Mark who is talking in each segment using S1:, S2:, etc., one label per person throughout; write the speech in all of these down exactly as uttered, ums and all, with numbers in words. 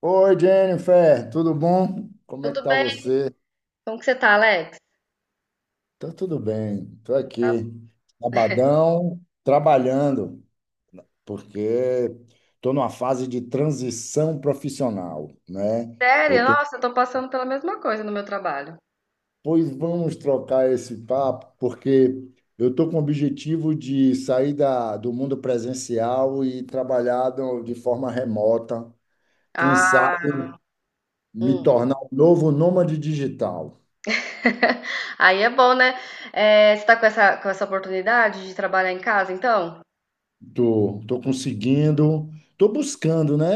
S1: Oi, Jennifer, tudo bom? Como é que
S2: Tudo
S1: tá
S2: bem?
S1: você?
S2: Como que você tá, Alex?
S1: Tá tudo bem, tô
S2: Tá-
S1: aqui, sabadão, trabalhando, porque tô numa fase de transição profissional, né?
S2: Sério?
S1: Eu tenho...
S2: Nossa, eu tô passando pela mesma coisa no meu trabalho.
S1: Pois vamos trocar esse papo, porque eu tô com o objetivo de sair da, do mundo presencial e trabalhar do- de forma remota, quem sabe
S2: Ah,
S1: me
S2: hum.
S1: tornar um novo nômade digital.
S2: Aí é bom, né? É, você tá com essa, com essa oportunidade de trabalhar em casa, então?
S1: Tô, tô conseguindo, tô buscando, né?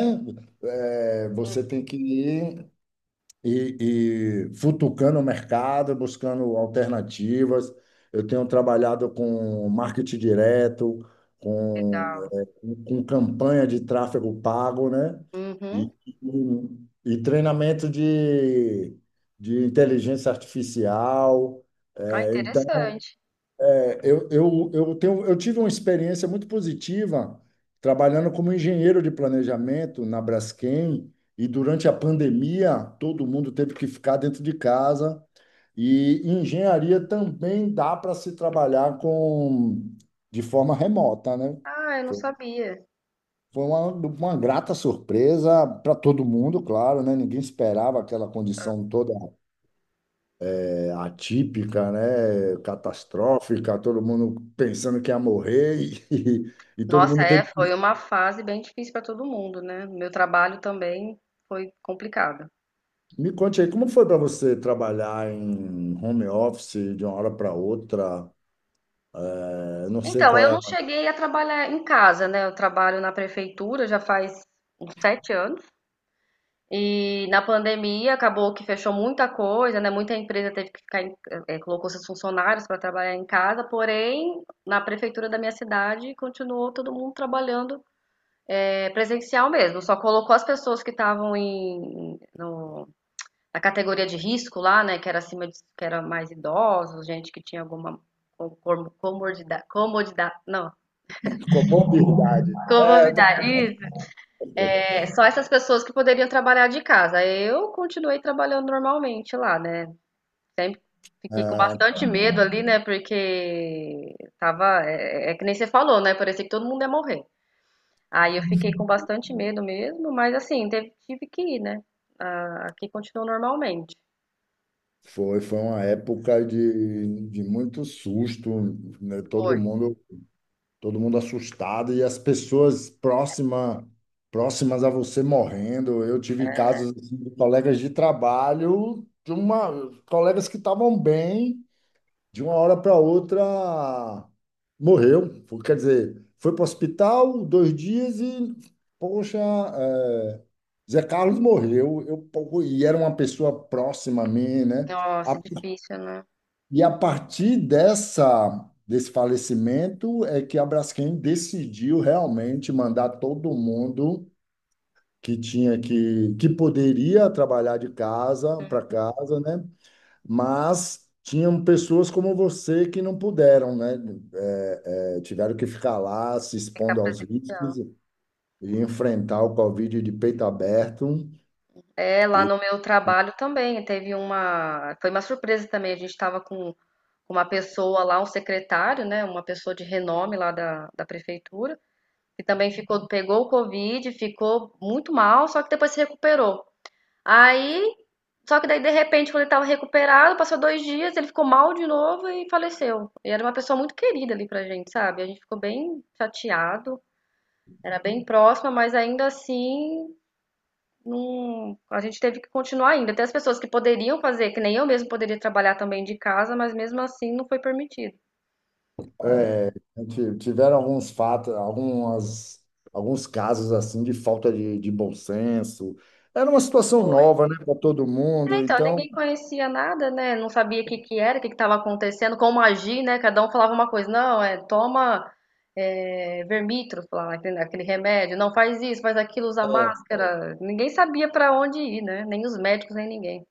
S1: É, você tem que ir e, e futucando o mercado, buscando alternativas. Eu tenho trabalhado com marketing direto, com,
S2: Legal.
S1: é, com, com campanha de tráfego pago, né?
S2: Uhum.
S1: E, e, e treinamento de, de inteligência artificial.
S2: Ah,
S1: é,
S2: interessante.
S1: eu, eu, eu tenho, eu tive uma experiência muito positiva trabalhando como engenheiro de planejamento na Braskem, e durante a pandemia todo mundo teve que ficar dentro de casa, e em engenharia também dá para se trabalhar com de forma remota, né?
S2: Ah, eu não
S1: Foi,
S2: sabia.
S1: foi uma, uma grata surpresa para todo mundo, claro, né? Ninguém esperava aquela condição toda, é, atípica, né? Catastrófica, todo mundo pensando que ia morrer e, e todo
S2: Nossa,
S1: mundo
S2: é,
S1: teve.
S2: foi uma fase bem difícil para todo mundo, né? Meu trabalho também foi complicado.
S1: Me conte aí, como foi para você trabalhar em home office de uma hora para outra? É, eu não sei
S2: Então,
S1: qual
S2: eu
S1: é a
S2: não cheguei a trabalhar em casa, né? Eu trabalho na prefeitura já faz uns sete anos. E na pandemia acabou que fechou muita coisa, né? Muita empresa teve que ficar, em, eh, colocou seus funcionários para trabalhar em casa, porém, na prefeitura da minha cidade continuou todo mundo trabalhando eh, presencial mesmo. Só colocou as pessoas que estavam em no- na categoria de risco lá, né? Que era acima de, que era mais idosos, gente que tinha alguma com- com- comodidade, comodidade, não,
S1: comorbidade. É, eu
S2: comorbidade, isso.
S1: também.
S2: É, só essas pessoas que poderiam trabalhar de casa. Eu continuei trabalhando normalmente lá, né? Sempre fiquei com
S1: Ah,
S2: bastante
S1: tá.
S2: medo ali, né? Porque tava. É, é é que nem você falou, né? Parecia que todo mundo ia morrer. Aí eu fiquei com bastante medo mesmo, mas assim, teve- tive que ir, né? Ah, aqui continuou normalmente.
S1: foi, foi uma época de, de muito susto, né?
S2: Foi.
S1: Todo mundo todo mundo assustado e as pessoas próxima, próximas a você morrendo. Eu tive casos assim, de colegas de trabalho, de uma, colegas que estavam bem, de uma hora para outra morreu. Foi- Quer dizer, foi para o hospital dois dias e, poxa, é, Zé Carlos morreu. Eu, pô, e era uma pessoa próxima a mim, né?
S2: Nossa, difícil, né?
S1: E a partir dessa, desse falecimento é que a Braskem decidiu realmente mandar todo mundo que tinha que, que poderia trabalhar de casa para casa, né? Mas tinham pessoas como você que não puderam, né? É, é, tiveram que ficar lá se
S2: Ficar
S1: expondo aos riscos
S2: presencial.
S1: e enfrentar o Covid de peito aberto.
S2: É, lá no meu trabalho também teve uma. Foi uma surpresa também. A gente estava com com uma pessoa lá, um secretário, né? Uma pessoa de renome lá da, da prefeitura. Que também ficou, pegou o Covid, ficou muito mal, só que depois se recuperou. Aí, só que daí de repente, quando ele estava recuperado, passou dois dias, ele ficou mal de novo e faleceu. E era uma pessoa muito querida ali pra gente, sabe? A gente ficou bem chateado, era bem próxima, mas ainda assim, não... a gente teve que continuar ainda. Até as pessoas que poderiam fazer, que nem eu mesmo poderia trabalhar também de casa, mas mesmo assim não foi permitido.
S1: É, t- tiveram alguns fatos, algumas, alguns casos assim de falta de, de bom senso. Era uma situação nova, né, para todo
S2: É,
S1: mundo.
S2: então,
S1: Então,
S2: ninguém conhecia nada, né? Não sabia o que que era, o que que estava acontecendo, como agir, né? Cada um falava uma coisa, não, é, toma é, Vermitro, falava aquele, aquele remédio, não faz isso, faz aquilo, usa
S1: é,
S2: máscara. Ninguém sabia para onde ir, né? Nem os médicos, nem ninguém.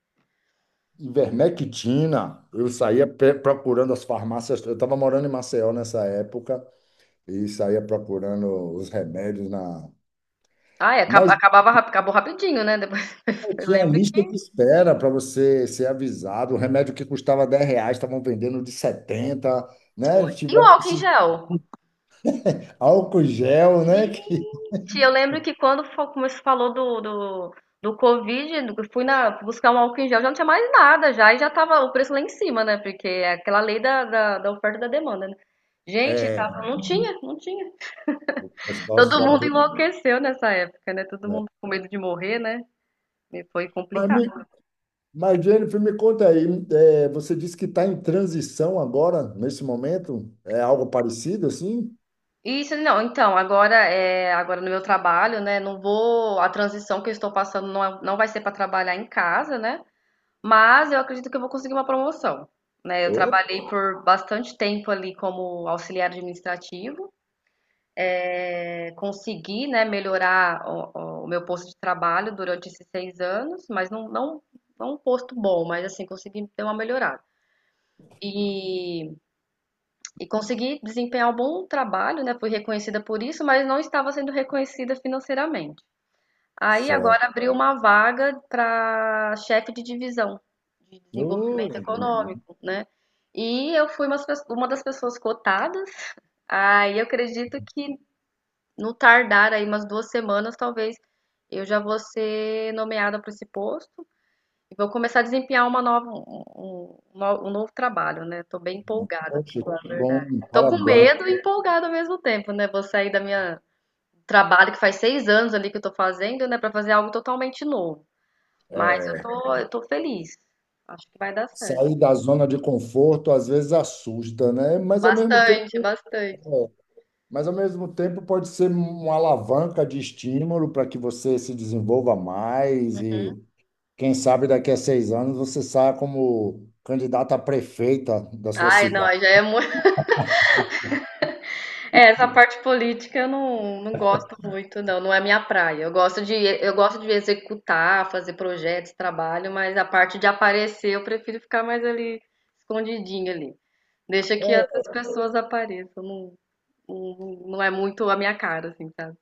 S1: ivermectina, eu saía pe- procurando as farmácias. Eu estava morando em Maceió nessa época e saía procurando os remédios na.
S2: Ah, é, acab-
S1: Mas
S2: acabava, rap- acabou rapidinho, né? Depois
S1: pô,
S2: eu
S1: tinha
S2: lembro
S1: lista de
S2: que.
S1: espera para você ser avisado. O remédio que custava dez reais estavam vendendo de setenta, né?
S2: Foi. E o
S1: Tiveram
S2: álcool em
S1: esses
S2: gel?
S1: álcool gel, né?
S2: Gente, eu lembro que quando fo- começou- falou do, do, do Covid, eu fui na, buscar um álcool em gel, já não tinha mais nada já, e já tava o preço lá em cima, né? Porque é aquela lei da, da, da oferta e da demanda, né? Gente,
S1: É,
S2: tava, não tinha, não tinha.
S1: é sócio
S2: Todo
S1: da.
S2: mundo
S1: Pro-
S2: enlouqueceu nessa época, né? Todo
S1: né?
S2: mundo com medo de morrer, né? E foi
S1: Mas,
S2: complicado.
S1: me, mas, Jennifer, me conta aí, é, você disse que está em transição agora, nesse momento? É algo parecido assim?
S2: Isso, não, então, agora é, agora no meu trabalho, né? Não vou, a transição que eu estou passando não, é- não vai ser para trabalhar em casa, né? Mas eu acredito que eu vou conseguir uma promoção, né. Eu
S1: Ô,
S2: trabalhei por bastante tempo ali como auxiliar administrativo, eh, consegui, né, melhorar o o meu posto de trabalho durante esses seis anos, mas não não não um posto bom, mas assim, consegui ter uma melhorada. E e consegui desempenhar um bom trabalho, né, fui reconhecida por isso, mas não estava sendo reconhecida financeiramente. Aí
S1: certo.
S2: agora abriu uma vaga para chefe de divisão de
S1: Ô,
S2: desenvolvimento econômico, né? E eu fui umas pes- uma das pessoas cotadas. Aí eu acredito que no tardar aí umas duas semanas, talvez eu já vou ser nomeada para esse posto e vou começar a desempenhar uma nova, um, um- um no- um novo trabalho, né? Tô bem empolgada, pra
S1: poxa, que
S2: falar a verdade.
S1: bom,
S2: Tô com
S1: parabéns.
S2: medo e empolgada ao mesmo tempo, né? Vou sair da minha trabalho que faz seis anos ali que eu tô fazendo, né, pra fazer algo totalmente novo. Mas eu tô, eu tô feliz. Acho que vai dar certo.
S1: Sair da zona de conforto às vezes assusta, né? Mas ao mesmo
S2: Bastante,
S1: tempo,
S2: bastante.
S1: mas ao mesmo tempo pode ser uma alavanca de estímulo para que você se desenvolva mais e quem sabe daqui a seis anos você saia como candidata a prefeita da sua
S2: Ai, não,
S1: cidade.
S2: aí já é muito. É, essa parte política eu não, não gosto muito, não. Não é minha praia. Eu gosto de, eu gosto de executar, fazer projetos, trabalho, mas a parte de aparecer eu prefiro ficar mais ali escondidinha ali. Deixa que
S1: É,
S2: outras pessoas apareçam. Não, não, não é muito a minha cara, assim, sabe?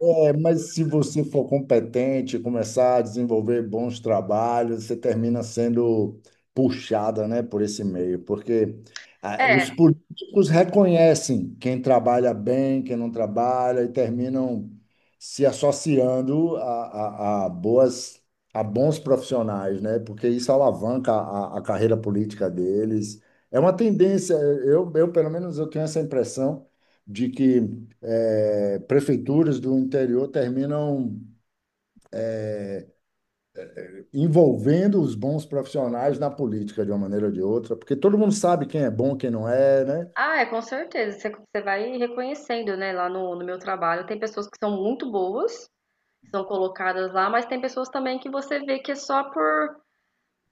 S1: é, mas se você for competente, começar a desenvolver bons trabalhos, você termina sendo puxada, né, por esse meio, porque ah, os
S2: É,
S1: políticos reconhecem quem trabalha bem, quem não trabalha, e terminam se associando a, a, a boas, a bons profissionais, né, porque isso alavanca a, a carreira política deles. É uma tendência, eu, eu pelo menos eu tenho essa impressão de que é, prefeituras do interior terminam envolvendo os bons profissionais na política de uma maneira ou de outra, porque todo mundo sabe quem é bom, quem não é, né?
S2: ah, é, com certeza. Você, você vai reconhecendo, né? Lá no, no meu trabalho, tem pessoas que são muito boas, que são colocadas lá, mas tem pessoas também que você vê que é só por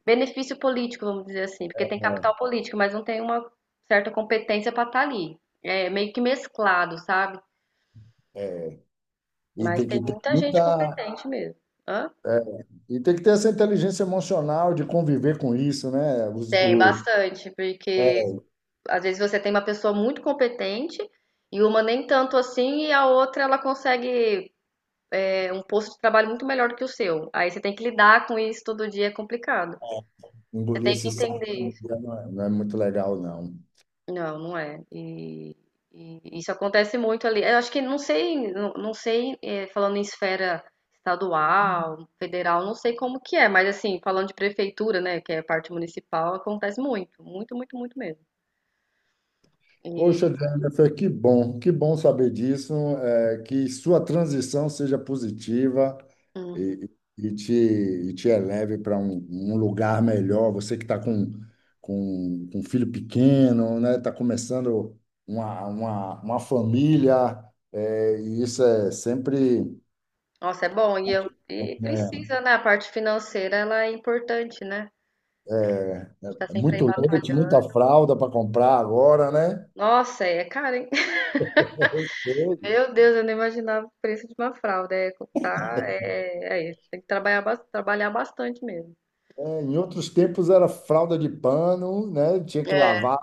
S2: benefício político, vamos dizer assim, porque tem capital político, mas não tem uma certa competência para estar ali. É meio que mesclado, sabe?
S1: É, e
S2: Mas
S1: tem
S2: tem
S1: que ter
S2: muita gente
S1: muita,
S2: competente mesmo. Hã?
S1: é, e tem que ter essa inteligência emocional de conviver com isso, né? Os-
S2: Tem
S1: o,
S2: bastante,
S1: é,
S2: porque às vezes você tem uma pessoa muito competente e uma nem tanto assim, e a outra ela consegue é um posto de trabalho muito melhor do que o seu. Aí você tem que lidar com isso todo dia, é complicado. Você
S1: engolir
S2: tem que
S1: esse sapo
S2: entender isso.
S1: não é, não é muito legal, não.
S2: Não, não é. E, e isso acontece muito ali. Eu acho que não sei, não, não sei, eh, falando em esfera estadual, federal, não sei como que é, mas assim, falando de prefeitura, né, que é a parte municipal, acontece muito, muito, muito, muito mesmo.
S1: Poxa,
S2: E,
S1: Jennifer, que bom, que bom saber disso, é, que sua transição seja positiva
S2: uhum.
S1: e, e te, e te eleve para um, um lugar melhor. Você que está com, com, com um filho pequeno, né? Está começando uma, uma, uma família, é, e isso é sempre
S2: Nossa, é bom. E, eu, e
S1: né,
S2: precisa, né? A parte financeira, ela é importante, né? A gente tá sempre aí
S1: muito leite, muita
S2: batalhando.
S1: fralda para comprar agora, né?
S2: Nossa, é caro, hein? Meu Deus, eu não imaginava o preço de uma fralda. É, tá, é, é, tem que trabalhar, bas- trabalhar bastante mesmo.
S1: É, em outros tempos era fralda de pano, né? Tinha que
S2: É,
S1: lavar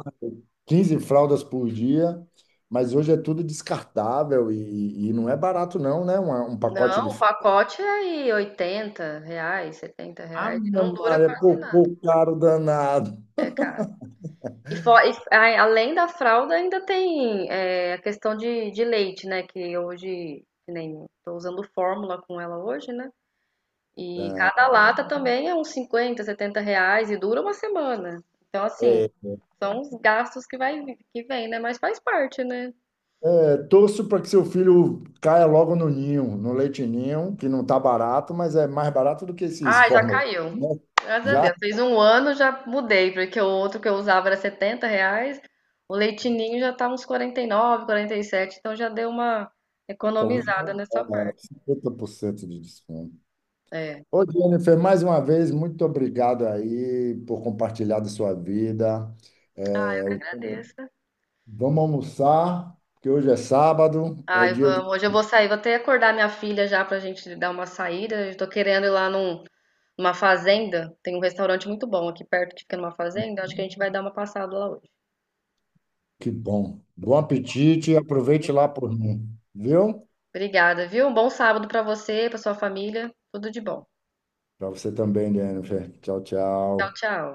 S1: quinze fraldas por dia, mas hoje é tudo descartável e, e não é barato não, né? Uma- Um, pacote de
S2: não, o
S1: fralda.
S2: pacote é aí oitenta reais, setenta reais,
S1: Ave
S2: não dura
S1: Maria,
S2: quase
S1: cocô
S2: nada,
S1: caro danado.
S2: é caro. E, fo- e a- além da fralda, ainda tem é, a questão de, de leite, né? Que hoje, que nem tô usando fórmula com ela hoje, né? E cada lata também é uns cinquenta, setenta reais e dura uma semana. Então, assim,
S1: É,
S2: são os gastos que vai, que vem, né? Mas faz parte, né?
S1: é, torço para que seu filho caia logo no ninho, no leite ninho, que não tá barato, mas é mais barato do que esses
S2: Ah, já
S1: fórmula,
S2: caiu.
S1: né?
S2: Graças a
S1: Já
S2: Deus. Fez um ano, já mudei, porque o outro que eu usava era setenta reais. O leitinho já tá uns quarenta quarenta e nove, quarenta e sete, então já deu uma
S1: só vou-
S2: economizada nessa parte.
S1: por cento de desconto.
S2: É,
S1: Ô, Jennifer, mais uma vez, muito obrigado aí por compartilhar da sua vida.
S2: que agradeço.
S1: Vamos almoçar, porque hoje é sábado, é
S2: Ai,
S1: dia de
S2: vamos. Hoje eu vou sair, vou até acordar minha filha já pra gente dar uma saída. Eu tô querendo ir lá num, uma fazenda, tem um restaurante muito bom aqui perto que fica numa fazenda, acho que a gente vai dar uma passada lá hoje.
S1: que bom. Bom apetite e aproveite lá por mim, viu?
S2: Obrigada, viu? Um bom sábado pra você, pra sua família, tudo de bom.
S1: Para você também, Jennifer. Tchau,
S2: Tchau,
S1: tchau.
S2: tchau.